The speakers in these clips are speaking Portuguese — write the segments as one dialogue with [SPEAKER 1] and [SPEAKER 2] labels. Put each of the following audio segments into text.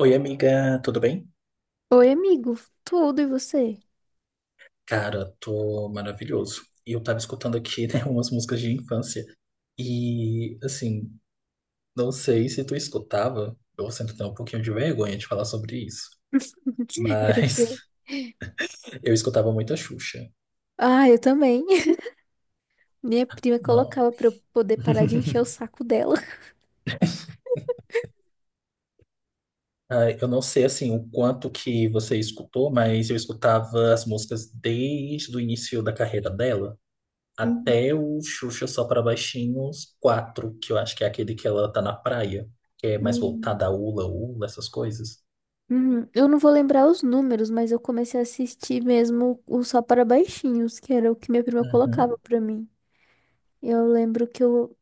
[SPEAKER 1] Oi, amiga, tudo bem?
[SPEAKER 2] Oi, amigo. Tudo e você?
[SPEAKER 1] Cara, tô maravilhoso. E eu tava escutando aqui, né, umas músicas de infância. E, assim, não sei se tu escutava, eu sinto até um pouquinho de vergonha de falar sobre isso,
[SPEAKER 2] Era o quê?
[SPEAKER 1] mas eu escutava muita Xuxa.
[SPEAKER 2] Ah, eu também. Minha prima
[SPEAKER 1] Não.
[SPEAKER 2] colocava pra eu poder parar de encher o saco dela.
[SPEAKER 1] Ah, eu não sei, assim, o quanto que você escutou, mas eu escutava as músicas desde o início da carreira dela.
[SPEAKER 2] Uhum,
[SPEAKER 1] Até o Xuxa Só Pra Baixinhos 4, que eu acho que é aquele que ela tá na praia, que é mais
[SPEAKER 2] uhum.
[SPEAKER 1] voltada a Ula Ula, essas coisas.
[SPEAKER 2] Uhum, eu não vou lembrar os números, mas eu comecei a assistir mesmo o Só para Baixinhos, que era o que minha prima
[SPEAKER 1] Uhum.
[SPEAKER 2] colocava pra mim. Eu lembro que eu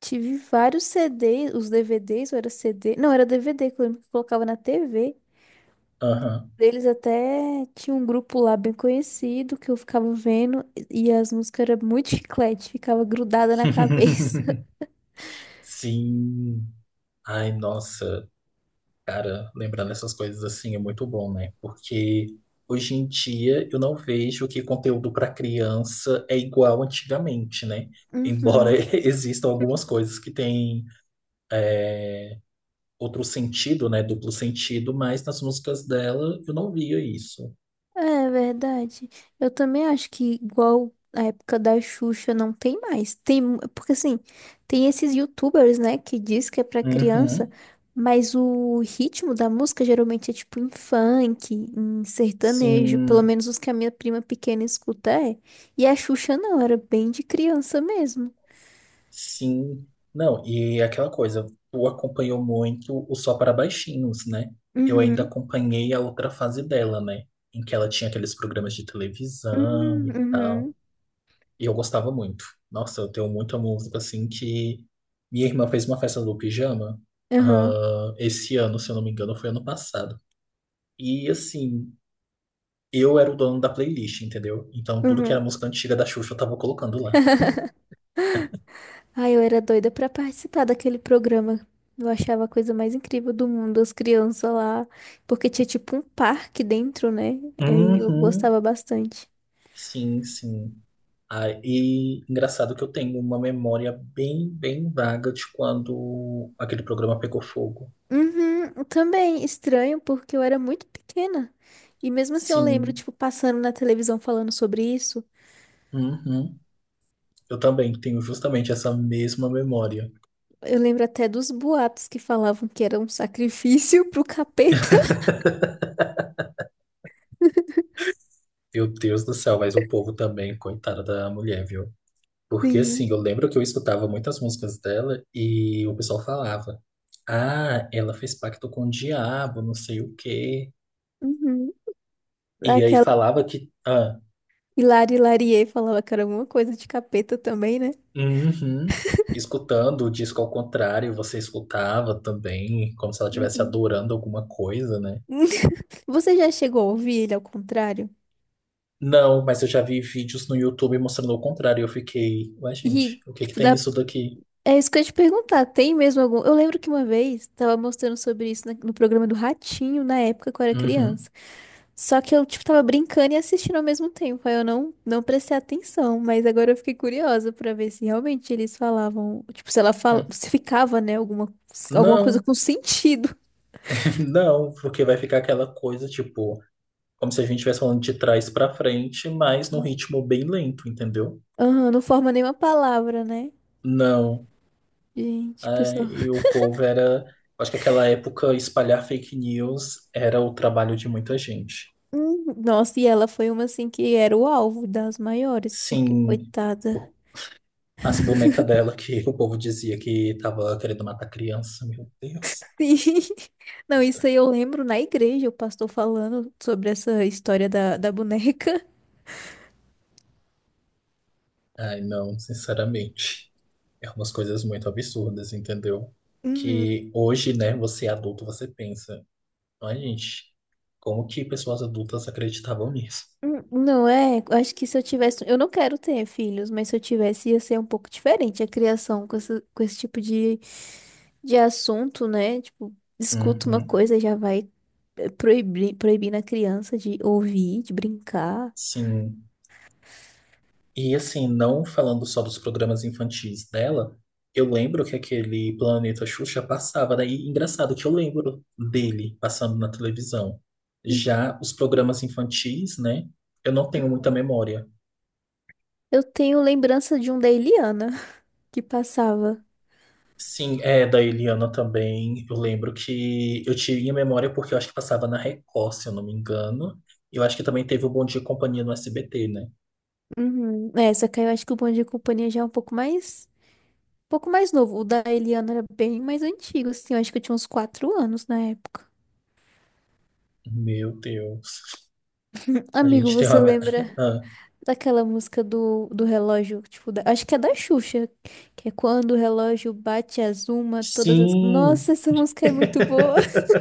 [SPEAKER 2] tive vários CDs, os DVDs, ou era CD? Não, era DVD que eu lembro que eu colocava na TV.
[SPEAKER 1] Aham.
[SPEAKER 2] Eles até tinha um grupo lá bem conhecido que eu ficava vendo e as músicas eram muito chiclete, ficava grudada na cabeça.
[SPEAKER 1] Sim. Ai, nossa, cara, lembrando essas coisas assim é muito bom, né? Porque hoje em dia eu não vejo que conteúdo para criança é igual antigamente, né? Embora
[SPEAKER 2] Uhum.
[SPEAKER 1] existam algumas coisas que têm outro sentido, né? Duplo sentido, mas nas músicas dela eu não via isso.
[SPEAKER 2] É verdade. Eu também acho que igual a época da Xuxa não tem mais. Tem, mu- porque assim, tem esses YouTubers, né, que diz que é pra criança,
[SPEAKER 1] Uhum.
[SPEAKER 2] mas o ritmo da música geralmente é tipo em funk, em sertanejo, pelo
[SPEAKER 1] Sim,
[SPEAKER 2] menos os que a minha prima pequena escuta é. E a Xuxa não, era bem de criança mesmo.
[SPEAKER 1] sim. Não, e aquela coisa, tu acompanhou muito o Só para Baixinhos, né? Eu ainda
[SPEAKER 2] Uhum.
[SPEAKER 1] acompanhei a outra fase dela, né? Em que ela tinha aqueles programas de televisão e tal.
[SPEAKER 2] Uhum.
[SPEAKER 1] E eu gostava muito. Nossa, eu tenho muita música assim que. Minha irmã fez uma festa do pijama,
[SPEAKER 2] Aham.
[SPEAKER 1] ah, esse ano, se eu não me engano, foi ano passado. E assim, eu era o dono da playlist, entendeu? Então tudo que
[SPEAKER 2] Uhum.
[SPEAKER 1] era música antiga da Xuxa eu tava colocando lá.
[SPEAKER 2] Ai, eu era doida pra participar daquele programa. Eu achava a coisa mais incrível do mundo, as crianças lá, porque tinha tipo um parque dentro, né? E eu
[SPEAKER 1] Uhum.
[SPEAKER 2] gostava bastante.
[SPEAKER 1] Sim, sim. Ah, e engraçado que eu tenho uma memória bem, bem vaga de quando aquele programa pegou fogo.
[SPEAKER 2] Uhum, também estranho, porque eu era muito pequena. E mesmo assim eu lembro,
[SPEAKER 1] Sim.
[SPEAKER 2] tipo, passando na televisão falando sobre isso.
[SPEAKER 1] Uhum. Eu também tenho justamente essa mesma memória.
[SPEAKER 2] Eu lembro até dos boatos que falavam que era um sacrifício pro capeta.
[SPEAKER 1] Meu Deus do céu, mas o povo também, coitada da mulher, viu? Porque
[SPEAKER 2] Sim.
[SPEAKER 1] assim, eu lembro que eu escutava muitas músicas dela e o pessoal falava: ah, ela fez pacto com o diabo, não sei o quê.
[SPEAKER 2] Uhum.
[SPEAKER 1] E aí falava que. Ah,
[SPEAKER 2] Hilari Larié falava que era alguma coisa de capeta também, né?
[SPEAKER 1] uhum. Escutando o disco ao contrário, você escutava também, como se ela estivesse
[SPEAKER 2] Uhum.
[SPEAKER 1] adorando alguma coisa, né?
[SPEAKER 2] Você já chegou a ouvir ele ao contrário?
[SPEAKER 1] Não, mas eu já vi vídeos no YouTube mostrando o contrário. E eu fiquei, ué, gente,
[SPEAKER 2] E,
[SPEAKER 1] o que que
[SPEAKER 2] tipo,
[SPEAKER 1] tem
[SPEAKER 2] dá...
[SPEAKER 1] nisso daqui?
[SPEAKER 2] é isso que eu ia te perguntar. Tem mesmo algum. Eu lembro que uma vez tava mostrando sobre isso na- no programa do Ratinho, na época que eu era
[SPEAKER 1] Uhum.
[SPEAKER 2] criança. Só que eu, tipo, tava brincando e assistindo ao mesmo tempo. Aí eu não prestei atenção. Mas agora eu fiquei curiosa pra ver se realmente eles falavam. Tipo, se ela fala...
[SPEAKER 1] Hum.
[SPEAKER 2] se ficava, né? Alguma, alguma coisa
[SPEAKER 1] Não,
[SPEAKER 2] com sentido.
[SPEAKER 1] não, porque vai ficar aquela coisa tipo, como se a gente estivesse falando de trás pra frente, mas num ritmo bem lento, entendeu?
[SPEAKER 2] Aham, não forma nenhuma palavra, né?
[SPEAKER 1] Não.
[SPEAKER 2] Gente,
[SPEAKER 1] Ah,
[SPEAKER 2] pessoal.
[SPEAKER 1] e o povo era. Acho que aquela época espalhar fake news era o trabalho de muita gente.
[SPEAKER 2] Nossa, e ela foi uma assim que era o alvo das maiores, porque
[SPEAKER 1] Sim,
[SPEAKER 2] coitada.
[SPEAKER 1] as bonecas dela que o povo dizia que tava querendo matar criança, meu Deus.
[SPEAKER 2] Sim. Não, isso aí eu lembro na igreja, o pastor falando sobre essa história da boneca.
[SPEAKER 1] Ai, não, sinceramente. É umas coisas muito absurdas, entendeu?
[SPEAKER 2] Uhum.
[SPEAKER 1] Que hoje, né, você é adulto, você pensa, ai, gente, como que pessoas adultas acreditavam nisso?
[SPEAKER 2] Não é, eu acho que se eu tivesse, eu não quero ter filhos, mas se eu tivesse ia ser um pouco diferente a criação com esse tipo de assunto, né? Tipo, escuta uma
[SPEAKER 1] Uhum,
[SPEAKER 2] coisa e já vai proibir, proibindo a criança de ouvir, de brincar.
[SPEAKER 1] sim. E assim, não falando só dos programas infantis dela, eu lembro que aquele Planeta Xuxa passava, daí engraçado que eu lembro dele passando na televisão. Já os programas infantis, né? Eu não tenho muita memória.
[SPEAKER 2] Eu tenho lembrança de um da Eliana que passava.
[SPEAKER 1] Sim, é da Eliana também. Eu lembro que eu tinha memória porque eu acho que passava na Record, se eu não me engano. E eu acho que também teve o Bom Dia e Companhia no SBT, né?
[SPEAKER 2] Uhum. É, só que aí eu acho que o Bom Dia e Companhia já é um pouco mais novo. O da Eliana era bem mais antigo, assim. Eu acho que eu tinha uns 4 anos na época.
[SPEAKER 1] Meu Deus. A
[SPEAKER 2] Amigo,
[SPEAKER 1] gente tem
[SPEAKER 2] você
[SPEAKER 1] uma.
[SPEAKER 2] lembra
[SPEAKER 1] Ah,
[SPEAKER 2] daquela música do relógio? Tipo, da- acho que é da Xuxa, que é quando o relógio bate as uma, todas as. Nossa,
[SPEAKER 1] sim.
[SPEAKER 2] essa música é muito boa.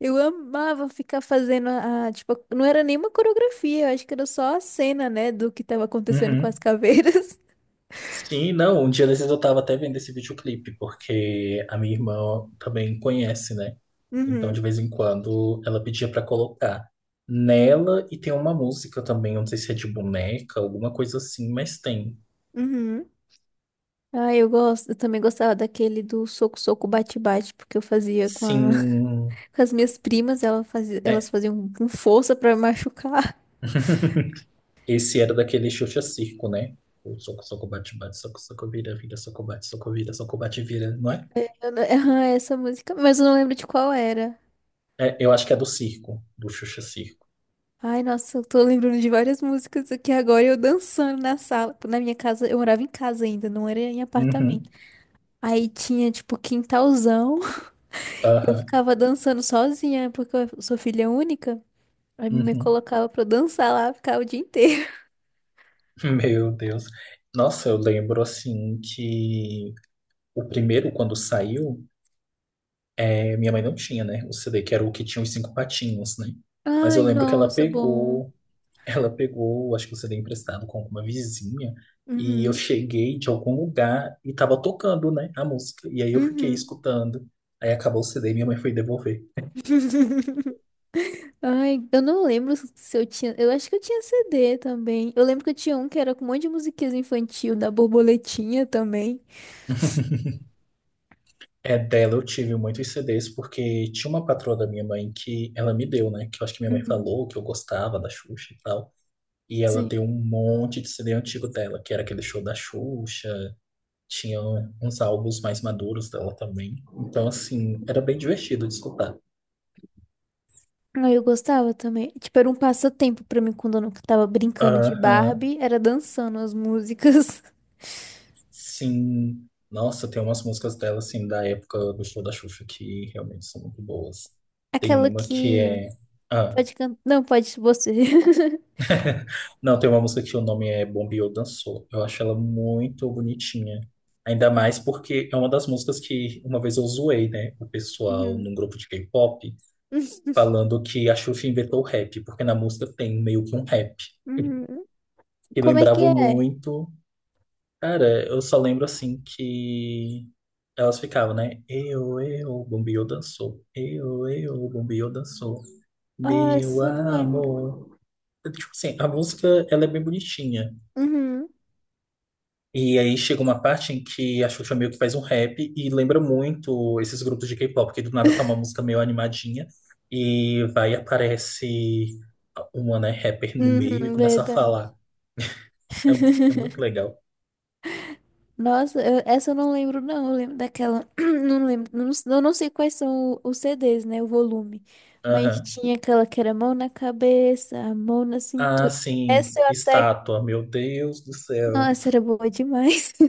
[SPEAKER 2] Eu amava ficar fazendo tipo, não era nenhuma coreografia, eu acho que era só a cena, né, do que tava acontecendo com
[SPEAKER 1] Uhum.
[SPEAKER 2] as caveiras.
[SPEAKER 1] Sim, não, um dia desses eu tava até vendo esse videoclipe, porque a minha irmã também conhece, né? Então, de
[SPEAKER 2] Uhum,
[SPEAKER 1] vez em quando, ela pedia pra colocar. Nela, e tem uma música também, eu não sei se é de boneca, alguma coisa assim, mas tem.
[SPEAKER 2] uhum. Ah, eu gosto. Eu também gostava daquele do soco, soco, bate, bate, porque eu fazia com, a-
[SPEAKER 1] Sim,
[SPEAKER 2] com as minhas primas, ela fazia, elas
[SPEAKER 1] é,
[SPEAKER 2] faziam com força pra me machucar.
[SPEAKER 1] esse era daquele Xuxa Circo, né? O soco, soco, bate, bate, soco, soco, vira, vira, soco, bate, soco, vira, soco, bate, vira, não é?
[SPEAKER 2] Eu não- Ah, essa música, mas eu não lembro de qual era.
[SPEAKER 1] É, eu acho que é do circo, do Xuxa Circo.
[SPEAKER 2] Ai, nossa, eu tô lembrando de várias músicas aqui agora, eu dançando na sala. Na minha casa, eu morava em casa ainda, não era em
[SPEAKER 1] Uhum,
[SPEAKER 2] apartamento. Aí tinha, tipo, quintalzão. Eu
[SPEAKER 1] aham,
[SPEAKER 2] ficava dançando sozinha, porque eu sou filha única. Aí me
[SPEAKER 1] uhum.
[SPEAKER 2] colocava pra eu dançar lá, ficava o dia inteiro.
[SPEAKER 1] Meu Deus. Nossa, eu lembro assim que o primeiro, quando saiu, é, minha mãe não tinha, né? O CD, que era o que tinha os cinco patinhos, né? Mas eu
[SPEAKER 2] Ai,
[SPEAKER 1] lembro que ela
[SPEAKER 2] nossa, bom.
[SPEAKER 1] pegou, ela pegou, acho que o CD emprestado com alguma vizinha, e eu
[SPEAKER 2] Uhum,
[SPEAKER 1] cheguei de algum lugar e tava tocando, né, a música. E aí eu fiquei
[SPEAKER 2] uhum.
[SPEAKER 1] escutando. Aí acabou o CD e minha mãe foi devolver.
[SPEAKER 2] Ai, eu não lembro se eu tinha. Eu acho que eu tinha CD também. Eu lembro que eu tinha um que era com um monte de musiquinhas infantil, da borboletinha também.
[SPEAKER 1] É, dela eu tive muitos CDs, porque tinha uma patroa da minha mãe que ela me deu, né? Que eu acho que minha mãe
[SPEAKER 2] Uhum,
[SPEAKER 1] falou que eu gostava da Xuxa e tal. E ela
[SPEAKER 2] sim.
[SPEAKER 1] tem um monte de CD antigo dela, que era aquele show da Xuxa, tinha uns álbuns mais maduros dela também. Então, assim, era bem divertido de escutar.
[SPEAKER 2] Aí eu gostava também. Tipo, era um passatempo pra mim quando eu não tava brincando de
[SPEAKER 1] Aham,
[SPEAKER 2] Barbie, era dançando as músicas.
[SPEAKER 1] sim. Nossa, tem umas músicas dela, assim, da época do show da Xuxa que realmente são muito boas. Tem
[SPEAKER 2] Aquela
[SPEAKER 1] uma que
[SPEAKER 2] que
[SPEAKER 1] é. Ah,
[SPEAKER 2] pode cantar. Não, pode você.
[SPEAKER 1] não, tem uma música que o nome é Bombeou Dançou. Eu acho ela muito bonitinha. Ainda mais porque é uma das músicas que uma vez eu zoei, né? O pessoal
[SPEAKER 2] Uhum.
[SPEAKER 1] num grupo de K-pop falando que a Xuxa inventou o rap, porque na música tem meio que um rap.
[SPEAKER 2] Uhum.
[SPEAKER 1] E
[SPEAKER 2] Como é que
[SPEAKER 1] lembrava
[SPEAKER 2] é?
[SPEAKER 1] muito. Cara, eu só lembro assim que elas ficavam, né? Eu, Bombio dançou. Eu, Bombio dançou.
[SPEAKER 2] Ah,
[SPEAKER 1] Meu
[SPEAKER 2] essa eu não lembro.
[SPEAKER 1] amor. Tipo assim, a música ela é bem bonitinha.
[SPEAKER 2] Uhum.
[SPEAKER 1] E aí chega uma parte em que a Xuxa meio que faz um rap e lembra muito esses grupos de K-pop, porque do nada tá uma música meio animadinha e vai e aparece uma, né, rapper no meio e
[SPEAKER 2] Uhum,
[SPEAKER 1] começa a
[SPEAKER 2] verdade.
[SPEAKER 1] falar. É, é muito legal.
[SPEAKER 2] Nossa, eu- essa eu não lembro, não. Eu lembro daquela. Não lembro. Não, eu não sei quais são o- os CDs, né? O volume. Mas
[SPEAKER 1] Aham.
[SPEAKER 2] tinha aquela que era mão na cabeça, a mão na
[SPEAKER 1] Ah,
[SPEAKER 2] cintura.
[SPEAKER 1] sim,
[SPEAKER 2] Essa eu até.
[SPEAKER 1] estátua, meu Deus do céu.
[SPEAKER 2] Nossa, era boa demais.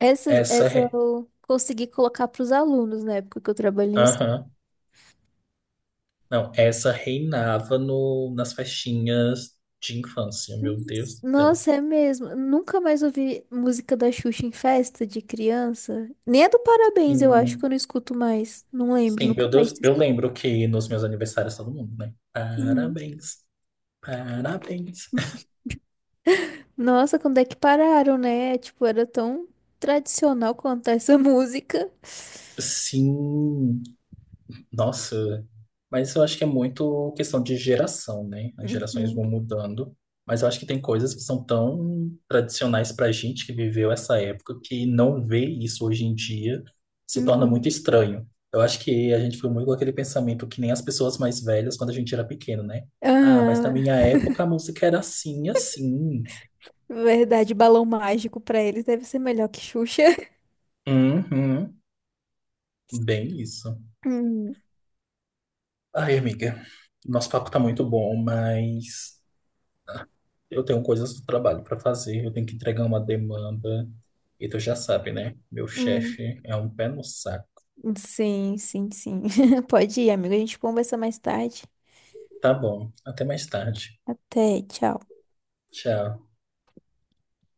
[SPEAKER 2] Essa,
[SPEAKER 1] Essa,
[SPEAKER 2] essa eu consegui colocar para os alunos na época que eu trabalhei. Em
[SPEAKER 1] aham. Não, essa reinava no, nas festinhas de infância, meu Deus
[SPEAKER 2] es-
[SPEAKER 1] do céu.
[SPEAKER 2] nossa, é mesmo. Nunca mais ouvi música da Xuxa em festa de criança. Nem a do Parabéns, eu acho que eu
[SPEAKER 1] Em
[SPEAKER 2] não escuto mais. Não lembro,
[SPEAKER 1] Sim, meu
[SPEAKER 2] nunca mais.
[SPEAKER 1] Deus, eu lembro que nos meus aniversários todo mundo, né? Parabéns, parabéns.
[SPEAKER 2] Nossa, quando é que pararam, né? Tipo, era tão tradicional cantar essa música.
[SPEAKER 1] Sim, nossa, mas eu acho que é muito questão de geração, né? As gerações vão
[SPEAKER 2] Uhum,
[SPEAKER 1] mudando, mas eu acho que tem coisas que são tão tradicionais pra gente que viveu essa época que não ver isso hoje em dia se torna
[SPEAKER 2] uhum.
[SPEAKER 1] muito estranho. Eu acho que a gente foi muito com aquele pensamento que nem as pessoas mais velhas quando a gente era pequeno, né? Ah, mas na
[SPEAKER 2] Ah,
[SPEAKER 1] minha época a música era assim, assim.
[SPEAKER 2] verdade, balão mágico pra eles deve ser melhor que Xuxa.
[SPEAKER 1] Uhum, bem isso.
[SPEAKER 2] Hum,
[SPEAKER 1] Ai, amiga, nosso papo tá muito bom, mas eu tenho coisas do trabalho para fazer, eu tenho que entregar uma demanda, e tu já sabe, né? Meu
[SPEAKER 2] hum.
[SPEAKER 1] chefe é um pé no saco.
[SPEAKER 2] Sim, sim, sim. Pode ir, amigo. A gente conversa mais tarde.
[SPEAKER 1] Tá bom, até mais tarde.
[SPEAKER 2] Até, tchau.
[SPEAKER 1] Tchau.